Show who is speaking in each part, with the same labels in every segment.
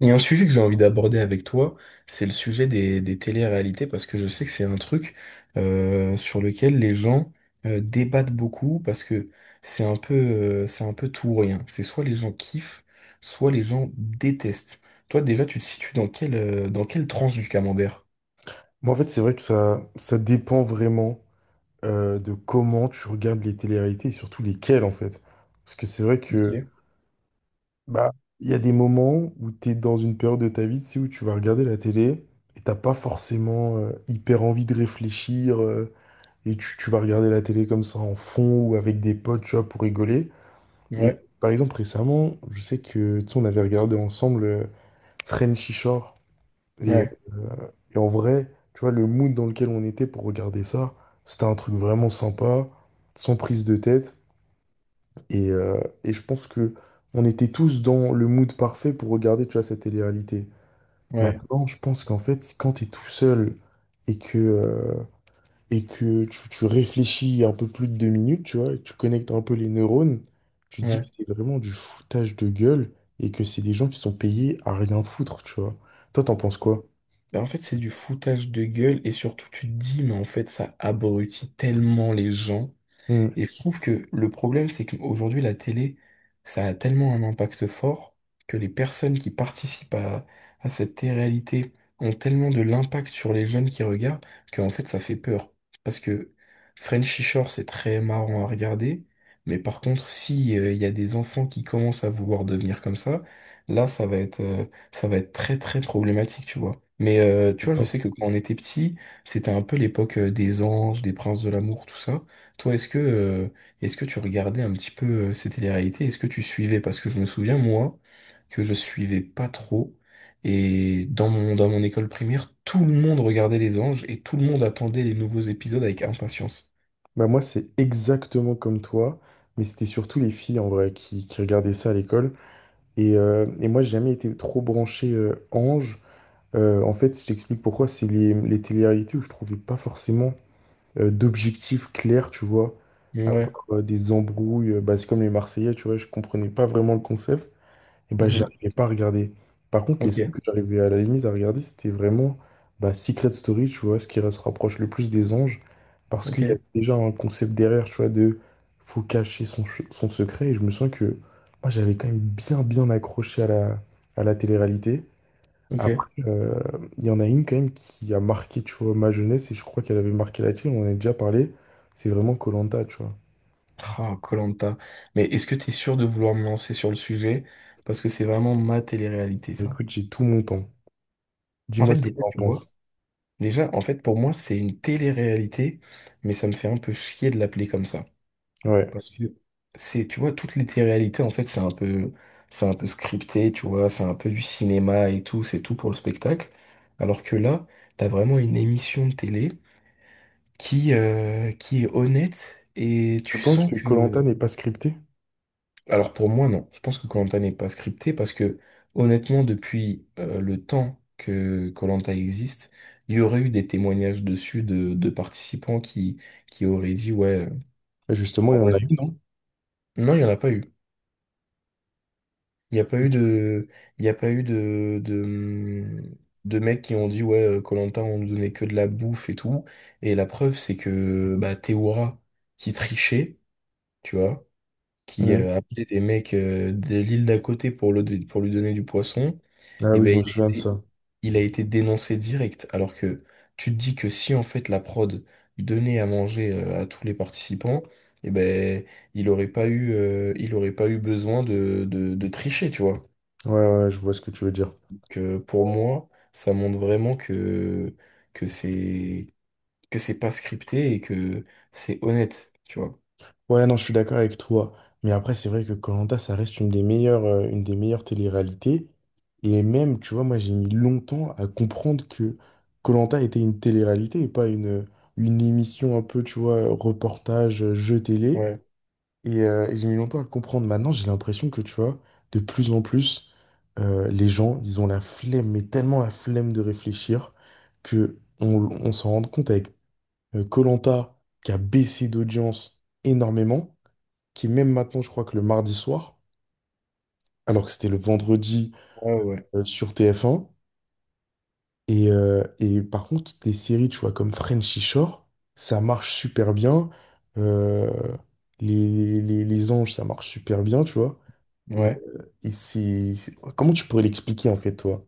Speaker 1: Il y a un sujet que j'ai envie d'aborder avec toi, c'est le sujet des téléréalités, parce que je sais que c'est un truc sur lequel les gens débattent beaucoup, parce que c'est un peu tout ou rien. C'est soit les gens kiffent, soit les gens détestent. Toi, déjà, tu te situes dans quelle tranche du camembert?
Speaker 2: Moi, en fait, c'est vrai que ça dépend vraiment de comment tu regardes les téléréalités et surtout lesquelles, en fait. Parce que c'est vrai que
Speaker 1: Ok.
Speaker 2: bah, il y a des moments où tu es dans une période de ta vie, tu sais, où tu vas regarder la télé et t'as pas forcément hyper envie de réfléchir et tu vas regarder la télé comme ça en fond ou avec des potes, tu vois, pour rigoler. Et
Speaker 1: Ouais,
Speaker 2: par exemple, récemment, je sais que, tu sais, on avait regardé ensemble Frenchy Shore et euh,
Speaker 1: ouais,
Speaker 2: Et en vrai, tu vois, le mood dans lequel on était pour regarder ça, c'était un truc vraiment sympa, sans prise de tête. Et je pense que on était tous dans le mood parfait pour regarder, tu vois, cette télé-réalité.
Speaker 1: ouais,
Speaker 2: Maintenant, je pense qu'en fait, quand t'es tout seul et que, euh, et que tu réfléchis un peu plus de deux minutes, tu vois, et que tu connectes un peu les neurones, tu dis que
Speaker 1: ouais.
Speaker 2: c'est vraiment du foutage de gueule et que c'est des gens qui sont payés à rien foutre, tu vois. Toi, t'en penses quoi?
Speaker 1: Ben, en fait, c'est du foutage de gueule, et surtout, tu te dis, mais en fait, ça abrutit tellement les gens.
Speaker 2: Hmm.
Speaker 1: Et je trouve que le problème, c'est qu'aujourd'hui, la télé, ça a tellement un impact fort que les personnes qui participent à cette télé-réalité ont tellement de l'impact sur les jeunes qui regardent qu'en fait, ça fait peur. Parce que Frenchy Shore, c'est très marrant à regarder, mais par contre, si il y a des enfants qui commencent à vouloir devenir comme ça, là, ça va être, ça va être très, très problématique, tu vois. Mais tu vois, je sais que quand on était petit, c'était un peu l'époque des anges, des princes de l'amour, tout ça. Toi, est-ce que tu regardais un petit peu ces télé-réalités? Est-ce que tu suivais? Parce que je me souviens, moi, que je suivais pas trop. Et dans mon école primaire, tout le monde regardait Les Anges et tout le monde attendait les nouveaux épisodes avec impatience.
Speaker 2: Bah moi, c'est exactement comme toi, mais c'était surtout les filles en vrai qui regardaient ça à l'école. Et moi, j'ai jamais été trop branché ange. En fait, je t'explique pourquoi. C'est les télé-réalités où je trouvais pas forcément d'objectifs clairs, tu vois. À part,
Speaker 1: Ouais.
Speaker 2: des embrouilles, bah, c'est comme les Marseillais, tu vois, je comprenais pas vraiment le concept. Et bah,
Speaker 1: Mhm.
Speaker 2: j'arrivais pas à regarder. Par contre, les seuls
Speaker 1: Ok,
Speaker 2: que j'arrivais à la limite à regarder, c'était vraiment bah, Secret Story, tu vois, ce qui se rapproche le plus des anges, parce
Speaker 1: ok,
Speaker 2: qu'il y avait déjà un concept derrière, tu vois, de faut cacher son, son secret. Et je me sens que moi, j'avais quand même bien, bien accroché à la télé-réalité.
Speaker 1: ok.
Speaker 2: Après, il y en a une quand même qui a marqué, tu vois, ma jeunesse, et je crois qu'elle avait marqué la tienne, on en a déjà parlé, c'est vraiment koh tu vois.
Speaker 1: Ah, koh. Mais est-ce que t'es sûr de vouloir me lancer sur le sujet? Parce que c'est vraiment ma télé-réalité, ça.
Speaker 2: Écoute, j'ai tout mon temps.
Speaker 1: En
Speaker 2: Dis-moi
Speaker 1: fait,
Speaker 2: ce que tu
Speaker 1: déjà,
Speaker 2: en
Speaker 1: tu vois,
Speaker 2: penses.
Speaker 1: déjà, en fait, pour moi, c'est une télé-réalité, mais ça me fait un peu chier de l'appeler comme ça.
Speaker 2: Ouais.
Speaker 1: Parce que c'est, tu vois, toutes les téléréalités, en fait, c'est un peu scripté, tu vois, c'est un peu du cinéma et tout, c'est tout pour le spectacle. Alors que là, t'as vraiment une émission de télé qui, qui est honnête et
Speaker 2: Je
Speaker 1: tu
Speaker 2: pense
Speaker 1: sens
Speaker 2: que koh
Speaker 1: que.
Speaker 2: n'est pas scripté.
Speaker 1: Alors pour moi, non. Je pense que koh n'est pas scripté parce que, honnêtement, depuis le temps que koh existe, il y aurait eu des témoignages dessus de participants qui auraient dit, ouais.
Speaker 2: Et Justement, il
Speaker 1: En
Speaker 2: y en a
Speaker 1: vrai.
Speaker 2: une, non?
Speaker 1: Non, il n'y en a pas eu. Il n'y a pas eu de, il y a pas eu de mecs qui ont dit, ouais, koh on nous donnait que de la bouffe et tout. Et la preuve, c'est que bah, Théoura, qui trichait, tu vois, qui
Speaker 2: Mhm.
Speaker 1: appelait des mecs de l'île d'à côté pour, le, pour lui donner du poisson,
Speaker 2: Ah
Speaker 1: et
Speaker 2: oui, je
Speaker 1: ben
Speaker 2: me souviens de ça.
Speaker 1: il a été dénoncé direct. Alors que tu te dis que si, en fait, la prod donnait à manger à tous les participants, et ben il aurait pas eu, il aurait pas eu besoin de tricher, tu vois
Speaker 2: Ouais, ouais, je vois ce que tu veux dire.
Speaker 1: que pour moi, ça montre vraiment que c'est, que c'est pas scripté et que c'est honnête, tu vois.
Speaker 2: Ouais, non, je suis d'accord avec toi. Mais après, c'est vrai que koh ça reste une des meilleures télé-réalités. Et même, tu vois, moi, j'ai mis longtemps à comprendre que koh était une télé-réalité et pas une, une émission un peu, tu vois, reportage, jeu télé.
Speaker 1: Ouais,
Speaker 2: Et j'ai mis longtemps à le comprendre. Maintenant, j'ai l'impression que, tu vois, de plus en plus, les gens, ils ont la flemme, mais tellement la flemme de réfléchir, que on s'en rend compte avec Colanta qui a baissé d'audience énormément, qui est même maintenant, je crois que le mardi soir, alors que c'était le vendredi
Speaker 1: ouais, ouais.
Speaker 2: sur TF1. Et par contre, des séries, tu vois, comme Frenchy Shore, ça marche super bien. Euh, les, les anges, ça marche super bien, tu vois.
Speaker 1: Ouais.
Speaker 2: Et c'est- Comment tu pourrais l'expliquer, en fait, toi?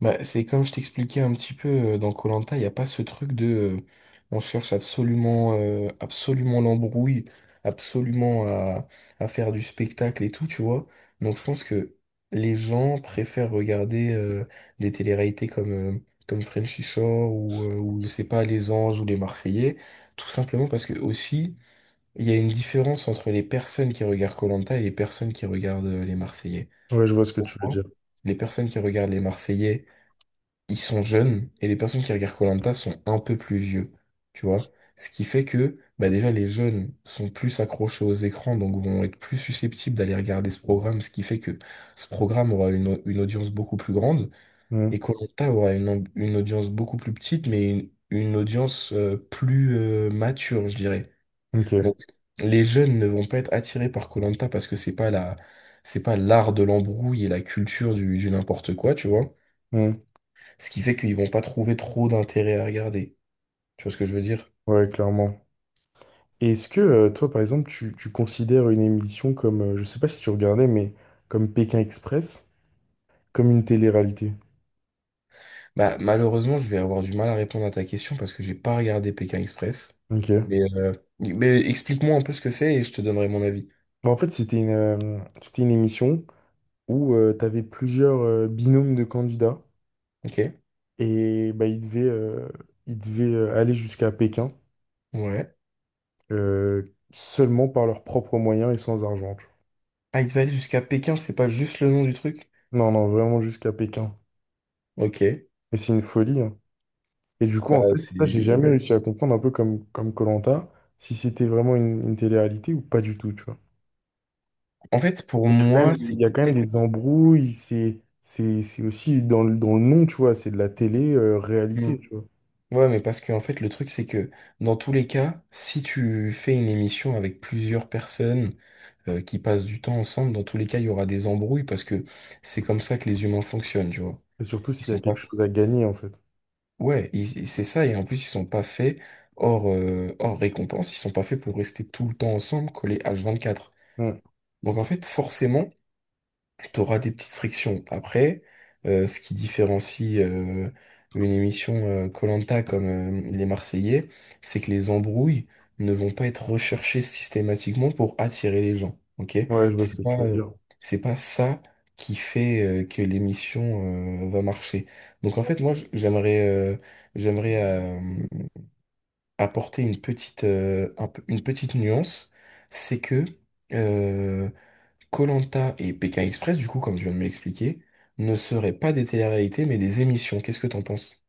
Speaker 1: Bah, c'est comme je t'expliquais un petit peu dans koh il n'y a pas ce truc de on cherche absolument absolument l'embrouille, absolument à faire du spectacle et tout, tu vois. Donc je pense que les gens préfèrent regarder des télé-réalités comme comme Frenchy Shore ou je sais pas, Les Anges ou Les Marseillais, tout simplement parce que aussi il y a une différence entre les personnes qui regardent koh et les personnes qui regardent Les Marseillais.
Speaker 2: Ouais, je vois ce que tu veux
Speaker 1: Pourquoi
Speaker 2: dire.
Speaker 1: Les personnes qui regardent Les Marseillais ils sont jeunes et les personnes qui regardent koh sont un peu plus vieux, tu vois. Ce qui fait que bah déjà les jeunes sont plus accrochés aux écrans, donc vont être plus susceptibles d'aller regarder ce programme, ce qui fait que ce programme aura une audience beaucoup plus grande
Speaker 2: Hmm.
Speaker 1: et koh aura une audience beaucoup plus petite, mais une audience plus mature, je dirais.
Speaker 2: Ok.
Speaker 1: Donc les jeunes ne vont pas être attirés par koh parce que c'est pas la, c'est pas l'art de l'embrouille et la culture du n'importe quoi, tu vois.
Speaker 2: Hmm.
Speaker 1: Ce qui fait qu'ils vont pas trouver trop d'intérêt à regarder. Tu vois ce que je veux dire?
Speaker 2: Ouais, clairement. Et est-ce que, toi, par exemple, tu considères une émission comme... je sais pas si tu regardais, mais comme Pékin Express, comme une télé-réalité?
Speaker 1: Bah, malheureusement, je vais avoir du mal à répondre à ta question parce que j'ai pas regardé Pékin Express.
Speaker 2: Ok.
Speaker 1: Mais explique-moi un peu ce que c'est et je te donnerai mon avis.
Speaker 2: Bon, en fait, c'était une émission où tu avais plusieurs binômes de candidats
Speaker 1: Ok?
Speaker 2: et bah, ils devaient aller jusqu'à Pékin
Speaker 1: Ouais.
Speaker 2: seulement par leurs propres moyens et sans argent.
Speaker 1: Ah, il devait aller jusqu'à Pékin, c'est pas juste le nom du truc?
Speaker 2: Non, non, vraiment jusqu'à Pékin.
Speaker 1: Ok.
Speaker 2: Et c'est une folie, hein. Et du coup,
Speaker 1: Bah,
Speaker 2: en fait,
Speaker 1: c'est.
Speaker 2: ça, j'ai jamais
Speaker 1: Ouais.
Speaker 2: réussi à comprendre, un peu comme Koh-Lanta, si c'était vraiment une télé-réalité ou pas du tout, tu vois.
Speaker 1: En fait, pour
Speaker 2: Il y a quand
Speaker 1: moi,
Speaker 2: même,
Speaker 1: c'est
Speaker 2: il y a quand même
Speaker 1: peut-être.
Speaker 2: des embrouilles, c'est aussi dans le nom, tu vois, c'est de la télé-réalité, tu vois.
Speaker 1: Ouais, mais parce que en fait, le truc, c'est que dans tous les cas, si tu fais une émission avec plusieurs personnes qui passent du temps ensemble, dans tous les cas, il y aura des embrouilles parce que c'est comme ça que les humains fonctionnent, tu vois.
Speaker 2: Et surtout
Speaker 1: Ils
Speaker 2: s'il y a
Speaker 1: sont pas.
Speaker 2: quelque chose à gagner, en fait.
Speaker 1: Ouais, c'est ça, et en plus, ils sont pas faits hors récompense, ils sont pas faits pour rester tout le temps ensemble, collés H24.
Speaker 2: Mm.
Speaker 1: Donc en fait, forcément, t'auras des petites frictions. Après, ce qui différencie une émission koh comme les Marseillais, c'est que les embrouilles ne vont pas être recherchées systématiquement pour attirer les gens. Ok?
Speaker 2: Ouais, je vois ce
Speaker 1: C'est
Speaker 2: que
Speaker 1: pas,
Speaker 2: tu veux
Speaker 1: euh,
Speaker 2: dire.
Speaker 1: c'est pas ça qui fait que l'émission va marcher. Donc en fait, moi, j'aimerais, j'aimerais apporter une petite, une petite nuance, c'est que euh, Koh-Lanta et Pékin Express, du coup, comme tu viens de m'expliquer, ne seraient pas des téléréalités, mais des émissions. Qu'est-ce que t'en penses?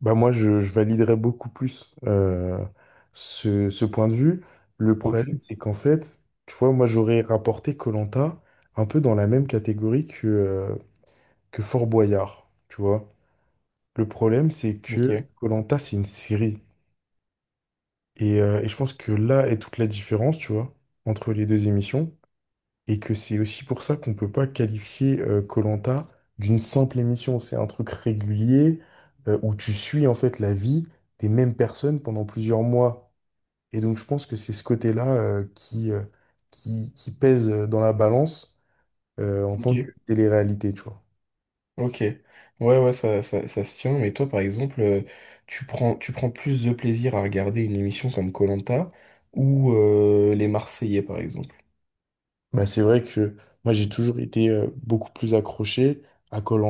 Speaker 2: Bah moi, je validerais beaucoup plus ce, ce point de vue. Le problème,
Speaker 1: Ok,
Speaker 2: c'est qu'en fait, tu vois, moi, j'aurais rapporté koh un peu dans la même catégorie que Fort Boyard, tu vois. Le problème, c'est
Speaker 1: ok,
Speaker 2: que koh c'est une série. Et je pense que là est toute la différence, tu vois, entre les deux émissions. Et que c'est aussi pour ça qu'on peut pas qualifier koh d'une simple émission. C'est un truc régulier où tu suis en fait la vie des mêmes personnes pendant plusieurs mois. Et donc je pense que c'est ce côté-là qui pèse dans la balance en tant
Speaker 1: ok,
Speaker 2: que télé-réalité, tu vois.
Speaker 1: ok. Ouais, ouais, ça se tient. Mais toi, par exemple, tu prends plus de plaisir à regarder une émission comme koh ou Les Marseillais, par exemple.
Speaker 2: Bah, c'est vrai que moi j'ai toujours été beaucoup plus accroché à koh de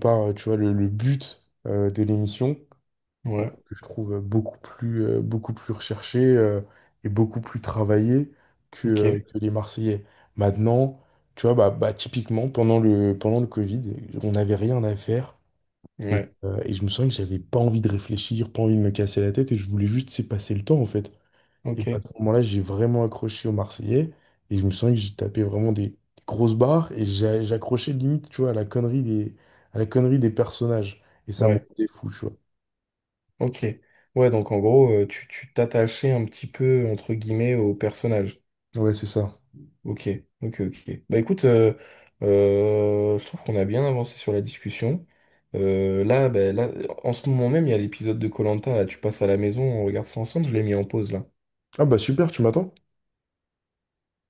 Speaker 2: par, tu vois, le but de l'émission
Speaker 1: Ouais,
Speaker 2: que je trouve beaucoup plus recherché et beaucoup plus travaillé
Speaker 1: ok,
Speaker 2: que les Marseillais. Maintenant, tu vois, bah, typiquement, pendant le Covid, on n'avait rien à faire.
Speaker 1: ouais,
Speaker 2: Et je me sens que j'avais pas envie de réfléchir, pas envie de me casser la tête, et je voulais juste laisser passer le temps, en fait. Et
Speaker 1: ok,
Speaker 2: bah, à ce moment-là, j'ai vraiment accroché aux Marseillais, et je me sens que j'ai tapé vraiment des grosses barres, et j'accrochais limite, tu vois, à la connerie des, à la connerie des personnages. Et ça me
Speaker 1: ouais,
Speaker 2: rendait fou, tu vois.
Speaker 1: ok. Ouais, donc en gros, tu, tu t'attachais un petit peu, entre guillemets, au personnage.
Speaker 2: Ouais, c'est ça.
Speaker 1: Ok, ok, ok. Bah écoute, je trouve qu'on a bien avancé sur la discussion. Là, bah, là, en ce moment même, il y a l'épisode de koh là, tu passes à la maison, on regarde ça ensemble, je l'ai mis en pause là.
Speaker 2: Ah bah super, tu m'attends?